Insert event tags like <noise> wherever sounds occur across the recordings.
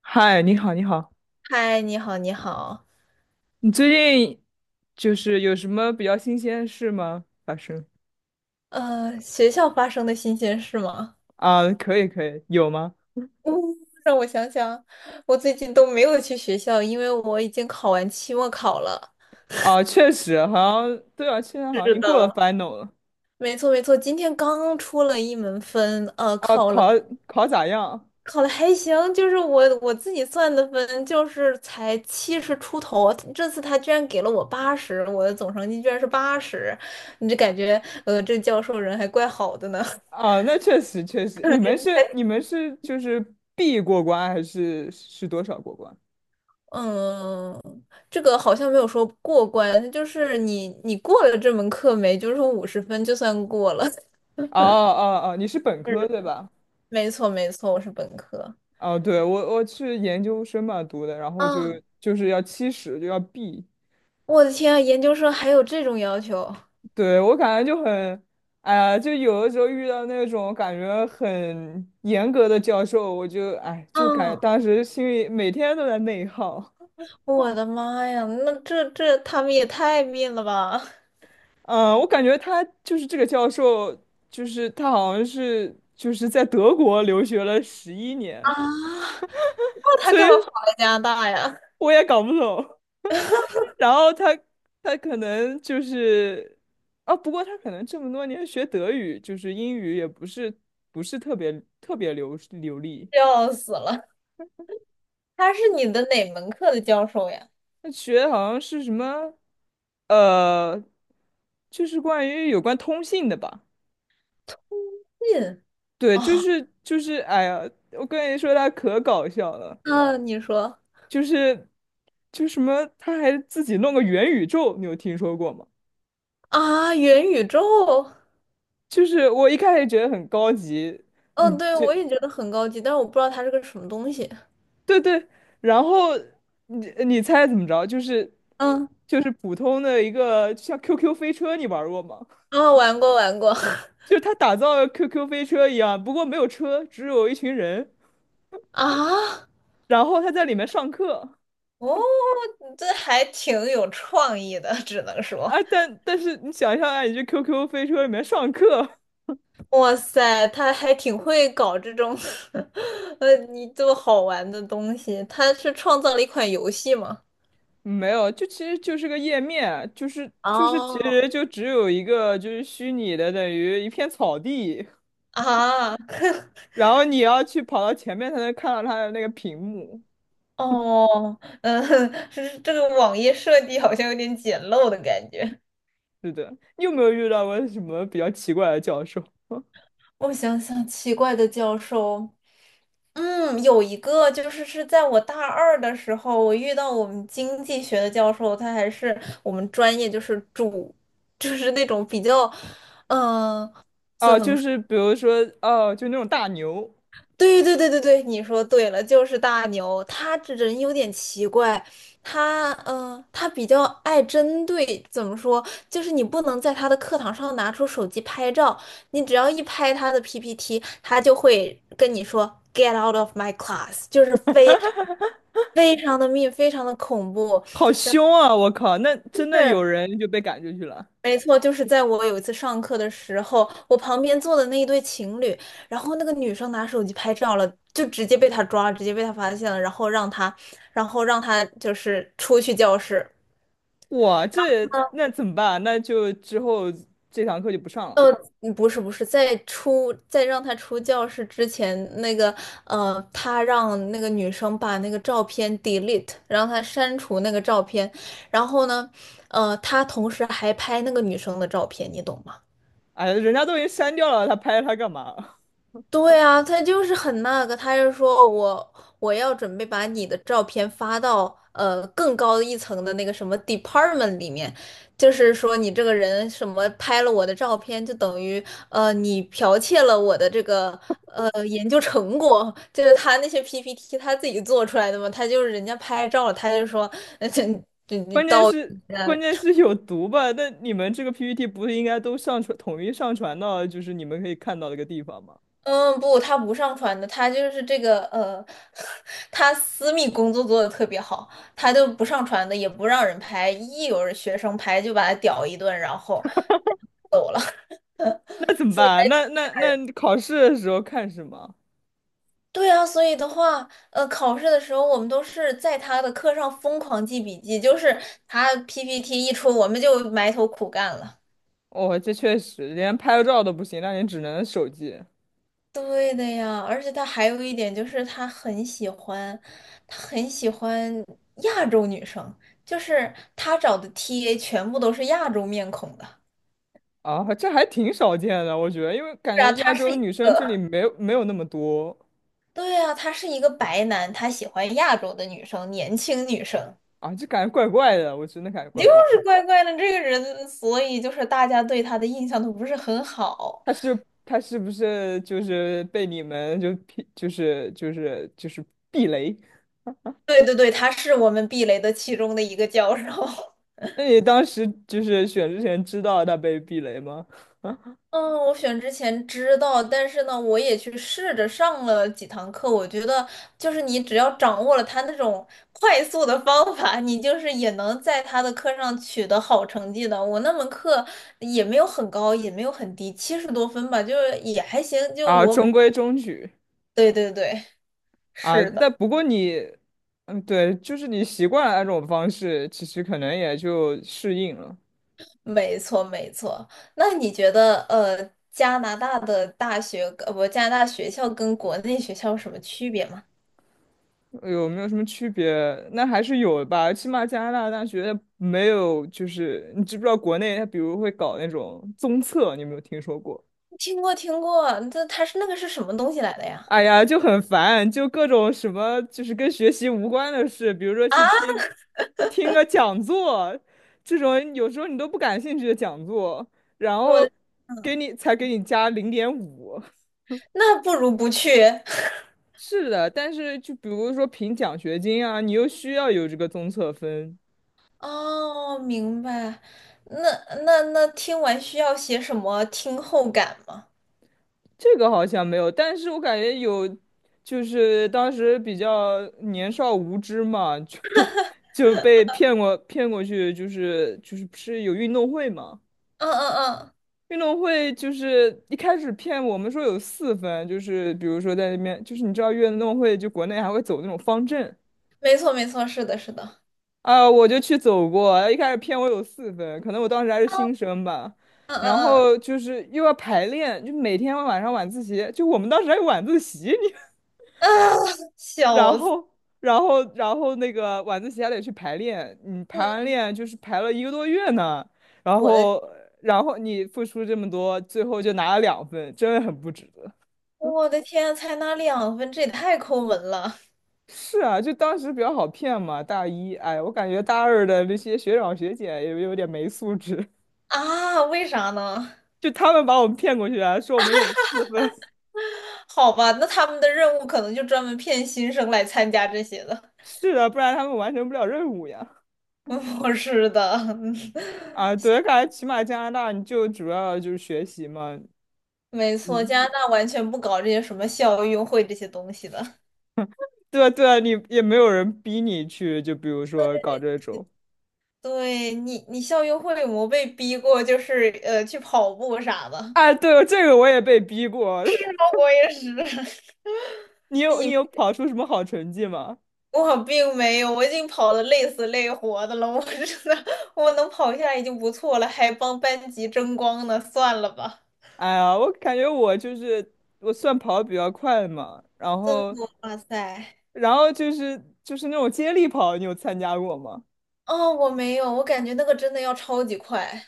嗨，你好，你好，嗨，你好，你好。你最近有什么比较新鲜的事吗？发生学校发生的新鲜事吗？啊，可以可以，有吗？嗯 <laughs>，让我想想，我最近都没有去学校，因为我已经考完期末考了。啊，确实，好像对啊，现在好像已是经的。过了 final 了。没错，没错，今天刚出了一门分，啊，考了，考咋样？考的还行，就是我自己算的分，就是才七十出头。这次他居然给了我八十，我的总成绩居然是八十，你就感觉，这教授人还怪好的呢。啊，那确实确实，你们 <laughs> 是你们是B 过关还是是多少过关？嗯，这个好像没有说过关，它就是你过了这门课没，就是说五十分就算过了。哦 <laughs> 哦哦，你是本科是对吧？没错没错，我是本科。哦，对，我是研究生嘛读的，然后就嗯，就是要70就要 B。我的天啊，研究生还有这种要求？对，我感觉就很，哎呀，就有的时候遇到那种感觉很严格的教授，我就哎，就感嗯，当时心里每天都在内耗。我的妈呀，那这他们也太命了吧！嗯，我感觉他就是这个教授，他好像是在德国留学了十一啊，年，<laughs> 那他所以干嘛跑到加拿大呀？<laughs> 我也搞不懂。<laughs> 然后他可能就是，啊，不过他可能这么多年学德语，就是英语也不是特别流利。笑死了！他是你的哪门课的教授呀？他学的好像是什么，呃，就是关于有关通信的吧？嗯，对，就是，哎呀，我跟你说，他可搞笑了，啊，你说就是什么，他还自己弄个元宇宙，你有听说过吗？啊，元宇宙。就是我一开始觉得很高级，嗯，嗯，对，就我也觉得很高级，但是我不知道它是个什么东西。对对，然后你你猜怎么着？就是嗯，就是普通的一个就像 QQ 飞车，你玩过吗？<laughs> 啊、玩过玩过 <laughs> 就是他打造了 QQ 飞车一样，不过没有车，只有一群人。啊，然后他在里面上课哦，这还挺有创意的，只能说，啊，但但是你想象一下，你去 QQ 飞车里面上课，哇塞，他还挺会搞这种，<laughs> 你这么好玩的东西，他是创造了一款游戏吗？<laughs> 没有，就其实就是个页面，就是其哦，实就只有一个就是虚拟的，等于一片草地，啊，然后你要去跑到前面才能看到他的那个屏幕。哦，嗯，<laughs> 是这个网页设计好像有点简陋的感觉。是的，你有没有遇到过什么比较奇怪的教授？<laughs> 我想想，奇怪的教授，嗯，有一个就是在我大二的时候，我遇到我们经济学的教授，他还是我们专业就是主，就是那种比较，嗯、怎哦，么？就是比如说，哦，就那种大牛，对对对对对，你说对了，就是大牛，他这人有点奇怪，他嗯、他比较爱针对，怎么说，就是你不能在他的课堂上拿出手机拍照，你只要一拍他的 PPT，他就会跟你说 "Get out of my class"，就是非常非常的密，非常的恐怖。好凶啊！我靠，那就真的有是。人就被赶出去了。没错，就是在我有一次上课的时候，我旁边坐的那一对情侣，然后那个女生拿手机拍照了，就直接被他抓了直接被他发现了，然后让他，然后让他就是出去教室。哇，这那怎么办？那就之后这堂课就不上了。呃，不是，在出在让他出教室之前，那个他让那个女生把那个照片 delete，让他删除那个照片，然后呢，他同时还拍那个女生的照片，你懂吗？哎呀，人家都已经删掉了，他拍他干嘛？对啊，他就是很那个，他就说哦我要准备把你的照片发到更高一层的那个什么 department 里面，就是说你这个人什么拍了我的照片，就等于你剽窃了我的这个研究成果，就是他那些 PPT 他自己做出来的嘛，他就是人家拍照了他就说 <laughs> <laughs> 关键是呃关键是有毒吧？那你们这个 PPT 不是应该都上传统一上传到就是你们可以看到的一个地方吗？嗯，不，他不上传的，他就是这个<laughs> 他私密工作做的特别好，他就不上传的，也不让人拍，一有人学生拍就把他屌一顿，然后 <laughs> 走了。<laughs> 那怎么所办以啊？那考试的时候看什么？对啊，所以的话，考试的时候我们都是在他的课上疯狂记笔记，就是他 PPT 一出，我们就埋头苦干了。哦，这确实连拍个照都不行，那你只能手机对的呀，而且他还有一点就是他很喜欢，他很喜欢亚洲女生，就是他找的 TA 全部都是亚洲面孔的。啊，这还挺少见的，我觉得，因为感是觉啊，亚他是洲一，女生这里没有那么多对啊，他是一个白男，他喜欢亚洲的女生，年轻女生，啊，就感觉怪怪的，我真的感觉怪就怪。是怪怪的这个人，所以就是大家对他的印象都不是很好。他是不是就是被你们就劈就是避雷？对对对，他是我们避雷的其中的一个教授。那你当时就是选之前知道他被避雷吗？嗯，我选之前知道，但是呢，我也去试着上了几堂课。我觉得，就是你只要掌握了他那种快速的方法，你就是也能在他的课上取得好成绩的。我那门课也没有很高，也没有很低，七十多分吧，就是也还行。就啊，我每，中规中矩对对对，啊。是的，但不过你，嗯，对，就是你习惯了那种方式，其实可能也就适应了。没错没错。那你觉得，加拿大的大学，不，加拿大学校跟国内学校有什么区别吗？有没有什么区别？那还是有的吧，起码加拿大大学没有，就是你知不知道国内他比如会搞那种综测，你有没有听说过？听过听过，这他是那个是什么东西来的呀？哎呀，就很烦，就各种什么，就是跟学习无关的事，比如说啊，<laughs> 听个讲座，这种有时候你都不感兴趣的讲座，然后我给你加0.5。那不如不去。<laughs> 是的，但是就比如说评奖学金啊，你又需要有这个综测分，哦，明白。那那那听完需要写什么听后感吗？这个好像没有，但是我感觉有，就是当时比较年少无知嘛，就 <laughs> 就被骗过去，就是不是有运动会嘛。嗯嗯嗯，运动会就是一开始骗我们说有四分，就是比如说在那边，就是你知道运动会就国内还会走那种方阵没错没错，是的是的。啊，我就去走过，一开始骗我有四分，可能我当时还是新生吧，嗯然嗯后就是又要排练，就每天晚上晚自习，就我们当时还有晚自习，你 嗯，啊，<laughs> 然笑死！后然后那个晚自习还得去排练，你排完嗯，练就是排了一个多月呢，然我的后然后你付出这么多，最后就拿了2分，真的很不值得。我的天啊，才拿两分，这也太抠门了是啊，就当时比较好骗嘛，大一，哎，我感觉大二的那些学长学姐也有点没素质，啊！为啥呢？<laughs> 就他们把我们骗过去啊，说我们有四分，好吧，那他们的任务可能就专门骗新生来参加这些的。<laughs> 是啊，不然他们完成不了任务呀。<laughs> 不是的。<laughs> 啊，对，感觉起码加拿大你就主要就是学习嘛，没错，加嗯，拿大完全不搞这些什么校运会这些东西的。对啊对，啊，你也没有人逼你去，就比如说搞这种，对你，你校运会有没有被逼过？就是去跑步啥的。哎，对，这个我也被逼过，<laughs> 我也是，<laughs> <laughs> 你你有跑出什么好成绩吗？我并没有，我已经跑得累死累活的了。我真的，我能跑下来已经不错了，还帮班级争光呢，算了吧。哎呀，我感觉我就是我算跑的比较快嘛，然真后。的，哇塞！然后就是那种接力跑，你有参加过吗？哦，我没有，我感觉那个真的要超级快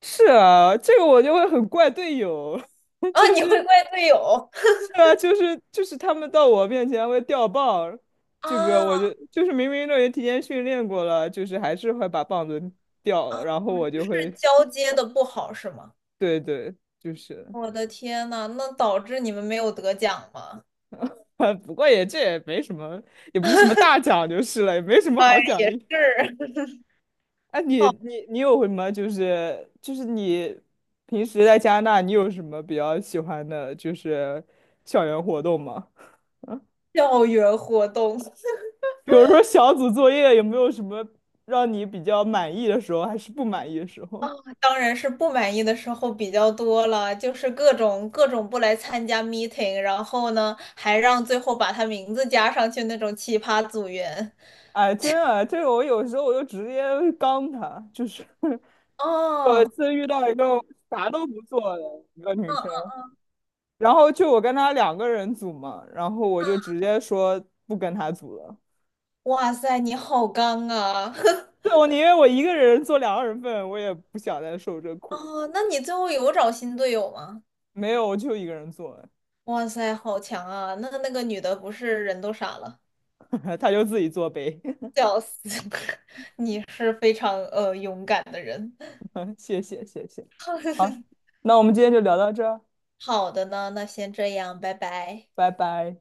是啊，这个我就会很怪队友，<laughs> 啊！就你会是怪队友 是啊，就是他们到我面前会掉棒， <laughs> 这个我啊就是明明都已经提前训练过了，就是还是会把棒子掉了，啊？然后我就是会交接的不好是吗？对对，就是，我的天呐，那导致你们没有得奖吗？<laughs> 不过也这也没什么，也不是什么大奖就是了，也没什么哎，好奖也励。是 <laughs> 哎，你好，你你有什么就是你平时在加拿大，你有什么比较喜欢的，就是校园活动吗？校园活动 <laughs> <laughs> 比如说小组作业，有没有什么让你比较满意的时候，还是不满意的时啊，候？<laughs> 当然是不满意的时候比较多了，就是各种各种不来参加 meeting，然后呢，还让最后把他名字加上去那种奇葩组员。哎，真的，这个我有时候我就直接刚他，就是 <laughs> 有一哦，次遇到一个啥都不做的一个女嗯，生，然后就我跟她两个人组嘛，然后我就直接说不跟她组了。哇塞，你好刚啊！<laughs> <laughs> 对，我宁愿我一个人做两个人份，我也不想再受这苦。哦，那你最后有找新队友吗？没有，我就一个人做，哇塞，好强啊！那那个女的不是人都傻了。<laughs> 他就自己做呗。<laughs> 笑死！<laughs> 你是非常勇敢的人。谢谢，谢谢。好，<laughs> 那我们今天就聊到这儿，好的呢，那先这样，拜拜。拜拜。